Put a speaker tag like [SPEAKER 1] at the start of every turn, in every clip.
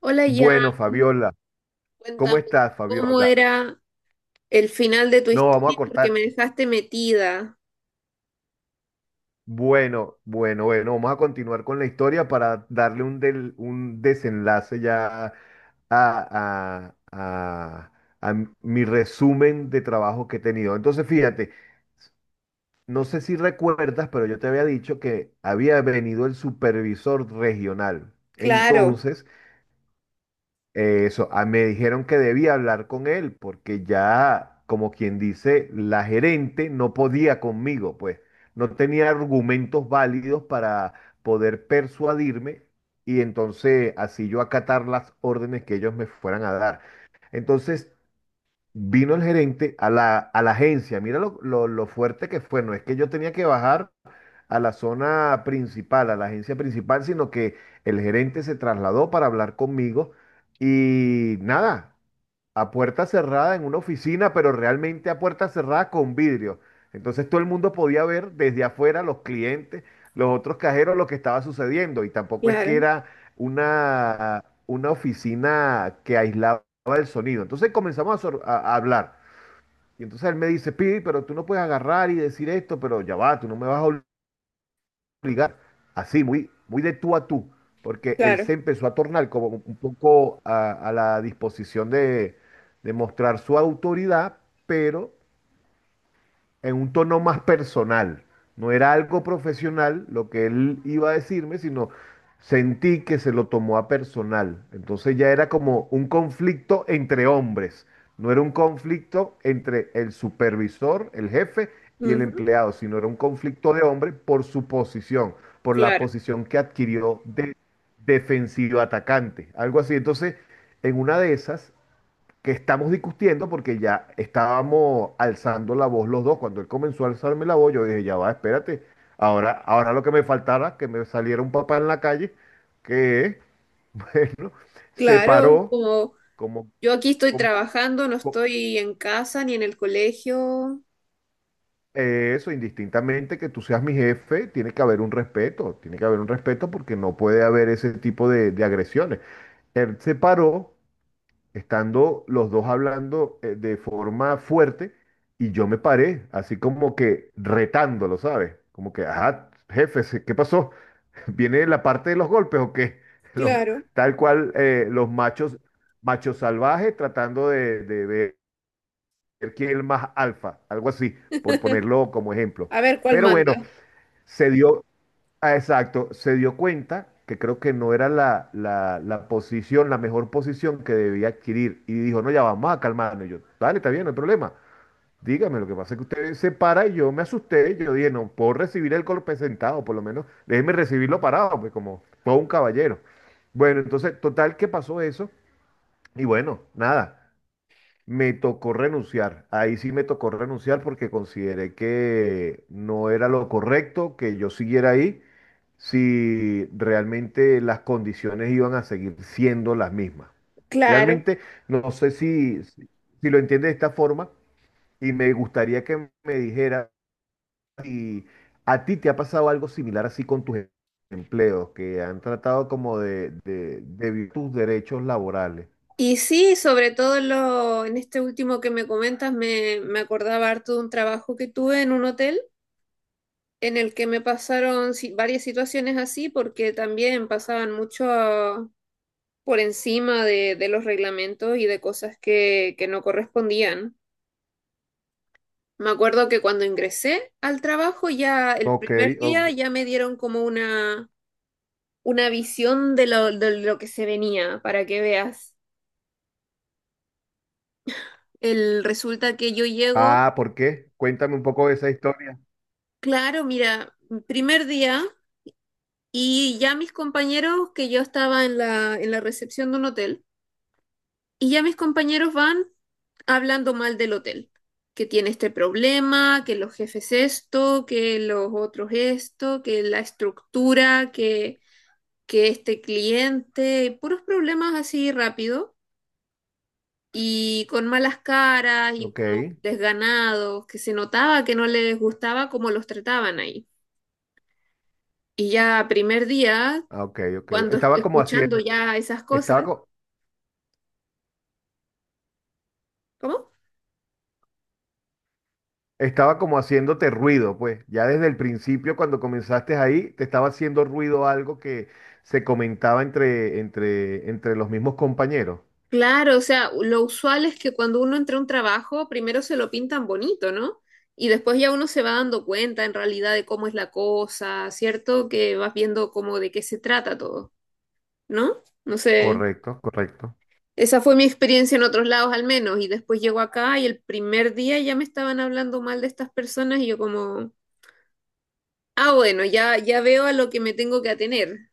[SPEAKER 1] Hola
[SPEAKER 2] Bueno,
[SPEAKER 1] Jan,
[SPEAKER 2] Fabiola, ¿cómo
[SPEAKER 1] cuéntame
[SPEAKER 2] estás,
[SPEAKER 1] cómo
[SPEAKER 2] Fabiola?
[SPEAKER 1] era el final de tu
[SPEAKER 2] No, vamos a
[SPEAKER 1] historia
[SPEAKER 2] cortar.
[SPEAKER 1] porque me dejaste metida.
[SPEAKER 2] Bueno, bueno, bueno, vamos a continuar con la historia para darle un desenlace ya a, a- a- a mi resumen de trabajo que he tenido. Entonces, fíjate, no sé si recuerdas, pero yo te había dicho que había venido el supervisor regional.
[SPEAKER 1] Claro,
[SPEAKER 2] Entonces, eso, me dijeron que debía hablar con él porque ya, como quien dice, la gerente no podía conmigo, pues no tenía argumentos válidos para poder persuadirme y entonces así yo acatar las órdenes que ellos me fueran a dar. Entonces vino el gerente a la agencia, mira lo fuerte que fue, no es que yo tenía que bajar a la zona principal, a la agencia principal, sino que el gerente se trasladó para hablar conmigo y nada, a puerta cerrada en una oficina, pero realmente a puerta cerrada con vidrio. Entonces todo el mundo podía ver desde afuera los clientes, los otros cajeros, lo que estaba sucediendo y tampoco es que
[SPEAKER 1] claro,
[SPEAKER 2] era una oficina que aislaba el sonido. Entonces comenzamos a hablar. Y entonces él me dice, Pidi, pero tú no puedes agarrar y decir esto, pero ya va, tú no me vas a ligar así, muy, muy de tú a tú, porque él
[SPEAKER 1] claro,
[SPEAKER 2] se empezó a tornar como un poco a la disposición de mostrar su autoridad, pero en un tono más personal. No era algo profesional lo que él iba a decirme, sino sentí que se lo tomó a personal. Entonces ya era como un conflicto entre hombres, no era un conflicto entre el supervisor, el jefe y el
[SPEAKER 1] ujú,
[SPEAKER 2] empleado, sino era un conflicto de hombre por su posición, por la
[SPEAKER 1] claro,
[SPEAKER 2] posición que adquirió de defensivo atacante, algo así. Entonces, en una de esas, que estamos discutiendo porque ya estábamos alzando la voz los dos. Cuando él comenzó a alzarme la voz, yo dije, ya va, espérate. Ahora, ahora lo que me faltara, que me saliera un papá en la calle, que, bueno, se
[SPEAKER 1] claro. es
[SPEAKER 2] paró
[SPEAKER 1] Como
[SPEAKER 2] como,
[SPEAKER 1] yo aquí estoy
[SPEAKER 2] como-
[SPEAKER 1] trabajando, no
[SPEAKER 2] co-
[SPEAKER 1] estoy en casa ni en el colegio.
[SPEAKER 2] Indistintamente que tú seas mi jefe, tiene que haber un respeto, tiene que haber un respeto porque no puede haber ese tipo de agresiones. Él se paró estando los dos hablando de forma fuerte y yo me paré, así como que retándolo, ¿sabes? Como que, ajá, jefe, ¿qué pasó? ¿Viene la parte de los golpes o qué? Los-
[SPEAKER 1] Claro.
[SPEAKER 2] Tal cual los machos, machos salvajes tratando de ver quién es el más alfa, algo así, por ponerlo como ejemplo.
[SPEAKER 1] A ver cuál
[SPEAKER 2] Pero
[SPEAKER 1] manda.
[SPEAKER 2] bueno, se dio, exacto, se dio cuenta que creo que no era la posición, la mejor posición que debía adquirir. Y dijo, no, ya vamos a calmarnos. Y yo, dale, está bien, no hay problema. Dígame, lo que pasa es que usted se para y yo me asusté. Yo dije, no, puedo recibir el golpe sentado, por lo menos déjeme recibirlo parado, pues como todo un caballero. Bueno, entonces, total que pasó eso. Y bueno, nada. Me tocó renunciar. Ahí sí me tocó renunciar porque consideré que no era lo correcto que yo siguiera ahí si realmente las condiciones iban a seguir siendo las mismas.
[SPEAKER 1] Claro.
[SPEAKER 2] Realmente no sé si si lo entiendes de esta forma y me gustaría que me dijera si a ti te ha pasado algo similar así con tus empleos que han tratado como de, de violar tus derechos laborales.
[SPEAKER 1] Y sí, sobre todo en este último que me comentas, me acordaba harto de un trabajo que tuve en un hotel, en el que me pasaron varias situaciones así porque también pasaban mucho por encima de los reglamentos y de cosas que no correspondían. Me acuerdo que cuando ingresé al trabajo, ya el
[SPEAKER 2] Ok.
[SPEAKER 1] primer día ya me dieron como una visión de lo que se venía, para que veas. Resulta que yo llego,
[SPEAKER 2] Ah, ¿por qué? Cuéntame un poco de esa historia.
[SPEAKER 1] claro, mira, primer día y ya mis compañeros, que yo estaba en la recepción de un hotel. Y ya mis compañeros van hablando mal del hotel, que tiene este problema, que los jefes esto, que los otros esto, que la estructura, que este cliente, puros problemas así rápido y con malas caras y
[SPEAKER 2] Ok,
[SPEAKER 1] como desganados, que se notaba que no les gustaba cómo los trataban ahí. Y ya primer día,
[SPEAKER 2] ah, ok, ok.
[SPEAKER 1] cuando
[SPEAKER 2] Estaba como
[SPEAKER 1] escuchando
[SPEAKER 2] haciendo,
[SPEAKER 1] ya esas cosas,
[SPEAKER 2] estaba, co-
[SPEAKER 1] ¿cómo?
[SPEAKER 2] estaba como haciéndote ruido, pues. Ya desde el principio, cuando comenzaste ahí, te estaba haciendo ruido algo que se comentaba entre los mismos compañeros.
[SPEAKER 1] Claro, o sea, lo usual es que cuando uno entra a un trabajo, primero se lo pintan bonito, ¿no? Y después ya uno se va dando cuenta en realidad de cómo es la cosa, ¿cierto? Que vas viendo como de qué se trata todo, ¿no? No sé,
[SPEAKER 2] Correcto, correcto.
[SPEAKER 1] esa fue mi experiencia en otros lados, al menos. Y después llego acá y el primer día ya me estaban hablando mal de estas personas, y yo como, ah, bueno, ya, ya veo a lo que me tengo que atener.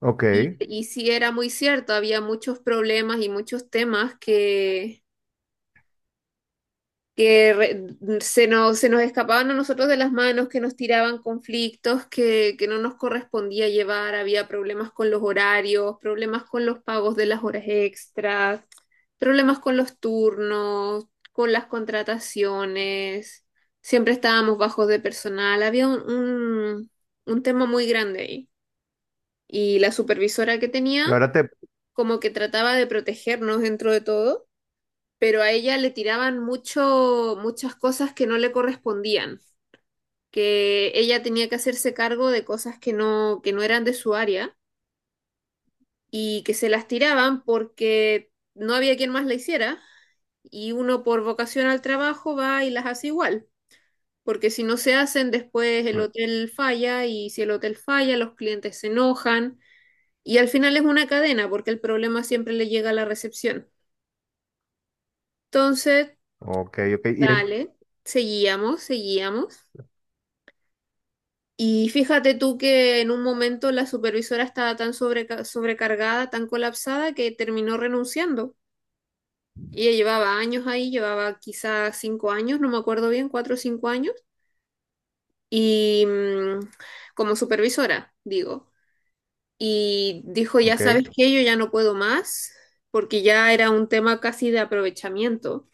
[SPEAKER 2] Ok.
[SPEAKER 1] Y sí era muy cierto, había muchos problemas y muchos temas que se nos escapaban a nosotros de las manos, que nos tiraban conflictos que no nos correspondía llevar, había problemas con los horarios, problemas con los pagos de las horas extras, problemas con los turnos, con las contrataciones, siempre estábamos bajos de personal, había un tema muy grande ahí. Y la supervisora que tenía
[SPEAKER 2] Y ahora te...
[SPEAKER 1] como que trataba de protegernos dentro de todo, pero a ella le tiraban mucho, muchas cosas que no le correspondían, que ella tenía que hacerse cargo de cosas que no eran de su área y que se las tiraban porque no había quien más la hiciera, y uno por vocación al trabajo va y las hace igual, porque si no se hacen después el hotel falla, y si el hotel falla los clientes se enojan, y al final es una cadena porque el problema siempre le llega a la recepción. Entonces,
[SPEAKER 2] Ok, ok. Y en-
[SPEAKER 1] dale, seguíamos. Y fíjate tú que en un momento la supervisora estaba tan sobrecargada, tan colapsada, que terminó renunciando. Ella llevaba años ahí, llevaba quizás cinco años, no me acuerdo bien, cuatro o cinco años, y como supervisora, digo. Y dijo, ya sabes
[SPEAKER 2] ok.
[SPEAKER 1] que yo ya no puedo más, porque ya era un tema casi de aprovechamiento,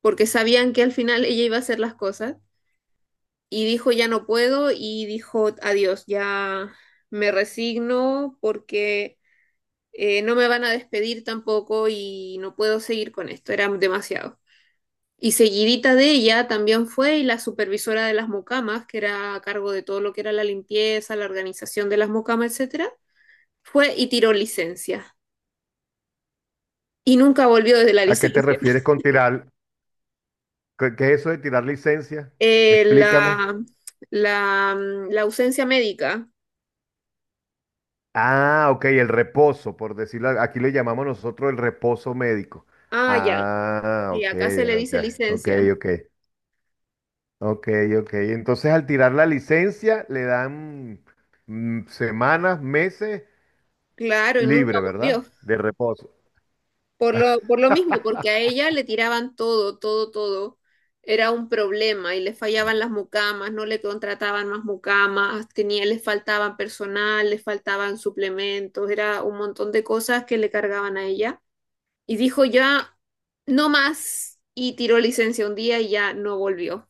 [SPEAKER 1] porque sabían que al final ella iba a hacer las cosas. Y dijo ya no puedo, y dijo adiós, ya me resigno, porque no me van a despedir tampoco y no puedo seguir con esto, era demasiado. Y seguidita de ella también fue y la supervisora de las mocamas, que era a cargo de todo lo que era la limpieza, la organización de las mocamas, etcétera, fue y tiró licencia. Y nunca volvió desde la
[SPEAKER 2] ¿A qué te
[SPEAKER 1] licencia.
[SPEAKER 2] refieres con tirar? ¿Qué es eso de tirar licencia?
[SPEAKER 1] Eh,
[SPEAKER 2] Explícame.
[SPEAKER 1] la, la ausencia médica.
[SPEAKER 2] Ah, ok, el reposo, por decirlo, aquí le llamamos nosotros el reposo médico.
[SPEAKER 1] Ah, ya.
[SPEAKER 2] Ah,
[SPEAKER 1] Sí,
[SPEAKER 2] ok,
[SPEAKER 1] acá se le
[SPEAKER 2] ok,
[SPEAKER 1] dice
[SPEAKER 2] ok,
[SPEAKER 1] licencia.
[SPEAKER 2] ok, ok, ok. Entonces al tirar la licencia le dan mm, semanas, meses
[SPEAKER 1] Claro, y nunca
[SPEAKER 2] libre,
[SPEAKER 1] volvió.
[SPEAKER 2] ¿verdad? De reposo.
[SPEAKER 1] Por lo mismo, porque a ella le tiraban todo, todo, todo. Era un problema y le fallaban las
[SPEAKER 2] Ah.
[SPEAKER 1] mucamas, no le contrataban más mucamas, tenía, les faltaban personal, les faltaban suplementos, era un montón de cosas que le cargaban a ella. Y dijo ya, no más, y tiró licencia un día y ya no volvió.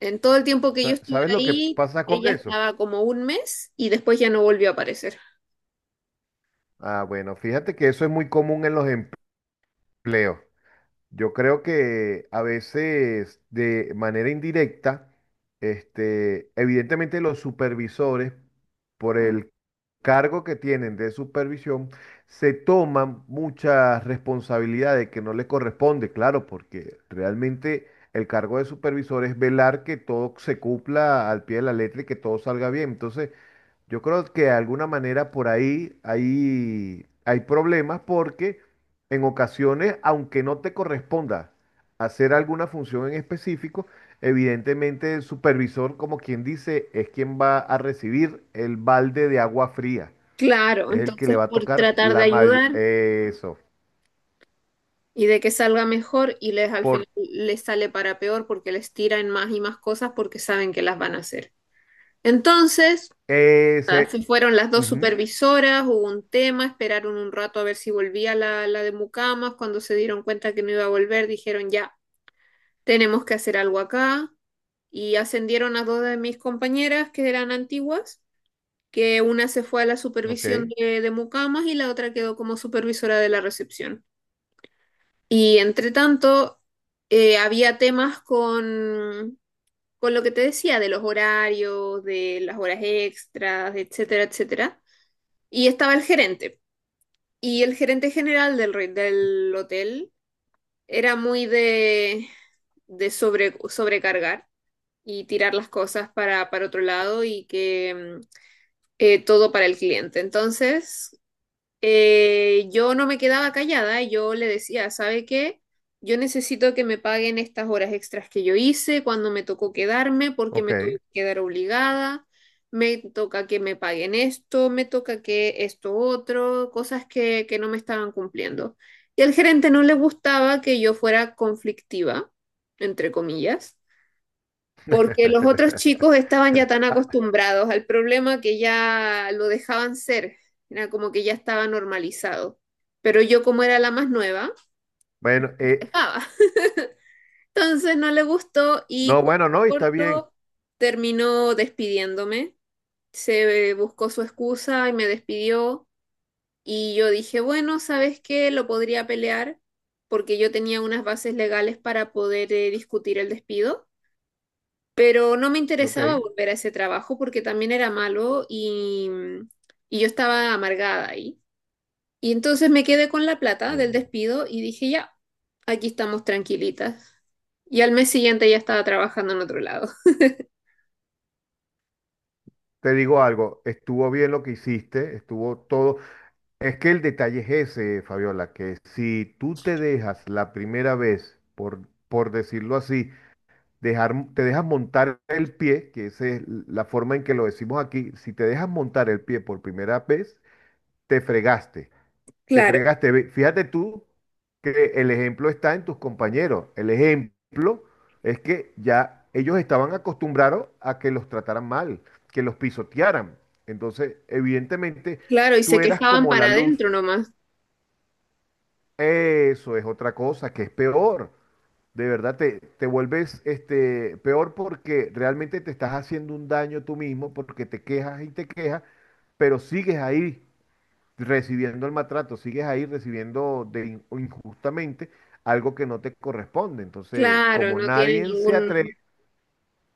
[SPEAKER 1] En todo el tiempo que yo estuve
[SPEAKER 2] ¿Sabes lo que
[SPEAKER 1] ahí,
[SPEAKER 2] pasa con
[SPEAKER 1] ella
[SPEAKER 2] eso?
[SPEAKER 1] estaba como un mes y después ya no volvió a aparecer.
[SPEAKER 2] Ah, bueno, fíjate que eso es muy común en los empleos. Yo creo que a veces de manera indirecta, este, evidentemente los supervisores, por el cargo que tienen de supervisión, se toman muchas responsabilidades que no les corresponde, claro, porque realmente el cargo de supervisor es velar que todo se cumpla al pie de la letra y que todo salga bien. Entonces, yo creo que de alguna manera por ahí hay, hay problemas porque en ocasiones, aunque no te corresponda hacer alguna función en específico, evidentemente el supervisor, como quien dice, es quien va a recibir el balde de agua fría.
[SPEAKER 1] Claro,
[SPEAKER 2] Es el que le
[SPEAKER 1] entonces
[SPEAKER 2] va a
[SPEAKER 1] por
[SPEAKER 2] tocar
[SPEAKER 1] tratar de
[SPEAKER 2] la mayor...
[SPEAKER 1] ayudar.
[SPEAKER 2] Eso.
[SPEAKER 1] Y de que salga mejor, y les, al final
[SPEAKER 2] Por
[SPEAKER 1] les sale para peor porque les tiran más y más cosas porque saben que las van a hacer. Entonces,
[SPEAKER 2] ese...
[SPEAKER 1] nada, se fueron las dos
[SPEAKER 2] ujú.
[SPEAKER 1] supervisoras, hubo un tema, esperaron un rato a ver si volvía la de Mucamas. Cuando se dieron cuenta que no iba a volver, dijeron ya, tenemos que hacer algo acá. Y ascendieron a dos de mis compañeras que eran antiguas, que una se fue a la
[SPEAKER 2] Ok,
[SPEAKER 1] supervisión de Mucamas y la otra quedó como supervisora de la recepción. Y entre tanto, había temas con lo que te decía, de los horarios, de las horas extras, etcétera, etcétera. Y estaba el gerente. Y el gerente general del hotel era muy de sobrecargar y tirar las cosas para otro lado, y que todo para el cliente. Entonces, yo no me quedaba callada, yo le decía, ¿sabe qué? Yo necesito que me paguen estas horas extras que yo hice cuando me tocó quedarme, porque
[SPEAKER 2] ok.
[SPEAKER 1] me tuve que quedar obligada, me toca que me paguen esto, me toca que esto otro, cosas que no me estaban cumpliendo. Y al gerente no le gustaba que yo fuera conflictiva, entre comillas, porque los otros chicos estaban ya tan
[SPEAKER 2] Ah,
[SPEAKER 1] acostumbrados al problema que ya lo dejaban ser, era como que ya estaba normalizado. Pero yo, como era la más nueva,
[SPEAKER 2] bueno,
[SPEAKER 1] dejaba. Entonces no le gustó y
[SPEAKER 2] no, bueno, no, y está bien.
[SPEAKER 1] corto, terminó despidiéndome. Se Buscó su excusa y me despidió, y yo dije, bueno, ¿sabes qué? Lo podría pelear porque yo tenía unas bases legales para poder discutir el despido. Pero no me
[SPEAKER 2] Ok.
[SPEAKER 1] interesaba volver a ese trabajo porque también era malo, y yo estaba amargada ahí. Y entonces me quedé con la plata del
[SPEAKER 2] Mm.
[SPEAKER 1] despido y dije, ya, aquí estamos tranquilitas. Y al mes siguiente ya estaba trabajando en otro lado.
[SPEAKER 2] Te digo algo, estuvo bien lo que hiciste, estuvo todo. Es que el detalle es ese, Fabiola, que si tú te dejas la primera vez, por decirlo así, dejar, te dejas montar el pie, que esa es la forma en que lo decimos aquí, si te dejas montar el pie por primera vez, te fregaste. Te
[SPEAKER 1] Claro,
[SPEAKER 2] fregaste. Fíjate tú que el ejemplo está en tus compañeros. El ejemplo es que ya ellos estaban acostumbrados a que los trataran mal, que los pisotearan. Entonces, evidentemente,
[SPEAKER 1] claro, y
[SPEAKER 2] tú
[SPEAKER 1] se
[SPEAKER 2] eras
[SPEAKER 1] quejaban
[SPEAKER 2] como
[SPEAKER 1] para
[SPEAKER 2] la
[SPEAKER 1] adentro
[SPEAKER 2] luz.
[SPEAKER 1] nomás.
[SPEAKER 2] Eso es otra cosa que es peor. De verdad te vuelves este, peor porque realmente te estás haciendo un daño tú mismo porque te quejas y te quejas, pero sigues ahí recibiendo el maltrato, sigues ahí recibiendo de injustamente algo que no te corresponde. Entonces,
[SPEAKER 1] Claro,
[SPEAKER 2] como
[SPEAKER 1] no tiene
[SPEAKER 2] nadie se atreve,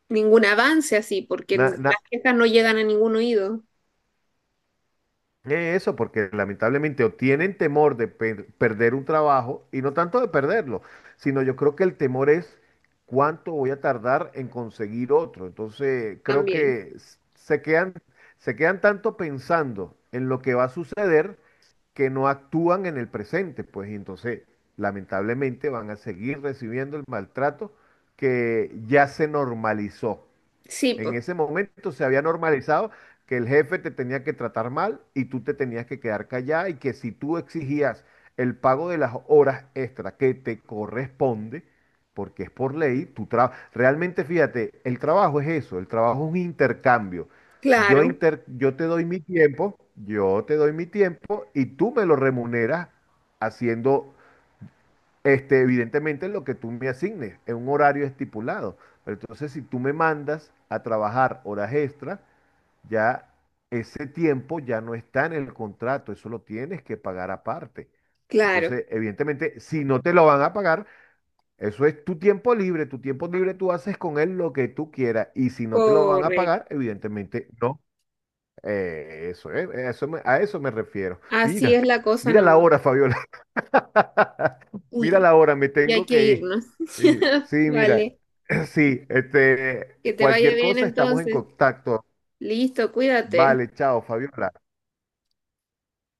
[SPEAKER 1] ningún avance así porque las quejas no llegan a ningún oído
[SPEAKER 2] Porque lamentablemente o tienen temor de perder un trabajo, y no tanto de perderlo, sino yo creo que el temor es cuánto voy a tardar en conseguir otro. Entonces, creo
[SPEAKER 1] también.
[SPEAKER 2] que se quedan tanto pensando en lo que va a suceder que no actúan en el presente, pues, y entonces, lamentablemente van a seguir recibiendo el maltrato que ya se normalizó.
[SPEAKER 1] Sí,
[SPEAKER 2] En
[SPEAKER 1] pues,
[SPEAKER 2] ese momento se había normalizado que el jefe te tenía que tratar mal y tú te tenías que quedar callada y que si tú exigías el pago de las horas extra que te corresponde, porque es por ley, realmente fíjate, el trabajo es eso, el trabajo es un intercambio.
[SPEAKER 1] claro,
[SPEAKER 2] Yo te doy mi tiempo, yo te doy mi tiempo y tú me lo remuneras haciendo este, evidentemente lo que tú me asignes, en un horario estipulado. Pero entonces, si tú me mandas a trabajar horas extra, ya ese tiempo ya no está en el contrato, eso lo tienes que pagar aparte.
[SPEAKER 1] claro,
[SPEAKER 2] Entonces, evidentemente, si no te lo van a pagar, eso es tu tiempo libre tú haces con él lo que tú quieras. Y si no te lo van a pagar,
[SPEAKER 1] correcto.
[SPEAKER 2] evidentemente no. A eso me refiero.
[SPEAKER 1] Así
[SPEAKER 2] Mira,
[SPEAKER 1] es la cosa
[SPEAKER 2] mira la
[SPEAKER 1] nomás.
[SPEAKER 2] hora, Fabiola. Mira
[SPEAKER 1] Uy,
[SPEAKER 2] la hora, me
[SPEAKER 1] ya hay
[SPEAKER 2] tengo
[SPEAKER 1] que
[SPEAKER 2] que ir.
[SPEAKER 1] irnos.
[SPEAKER 2] Sí, mira,
[SPEAKER 1] Vale,
[SPEAKER 2] sí, este,
[SPEAKER 1] que te vaya
[SPEAKER 2] cualquier
[SPEAKER 1] bien
[SPEAKER 2] cosa estamos en
[SPEAKER 1] entonces.
[SPEAKER 2] contacto.
[SPEAKER 1] Listo, cuídate.
[SPEAKER 2] Vale, chao, Fabiola.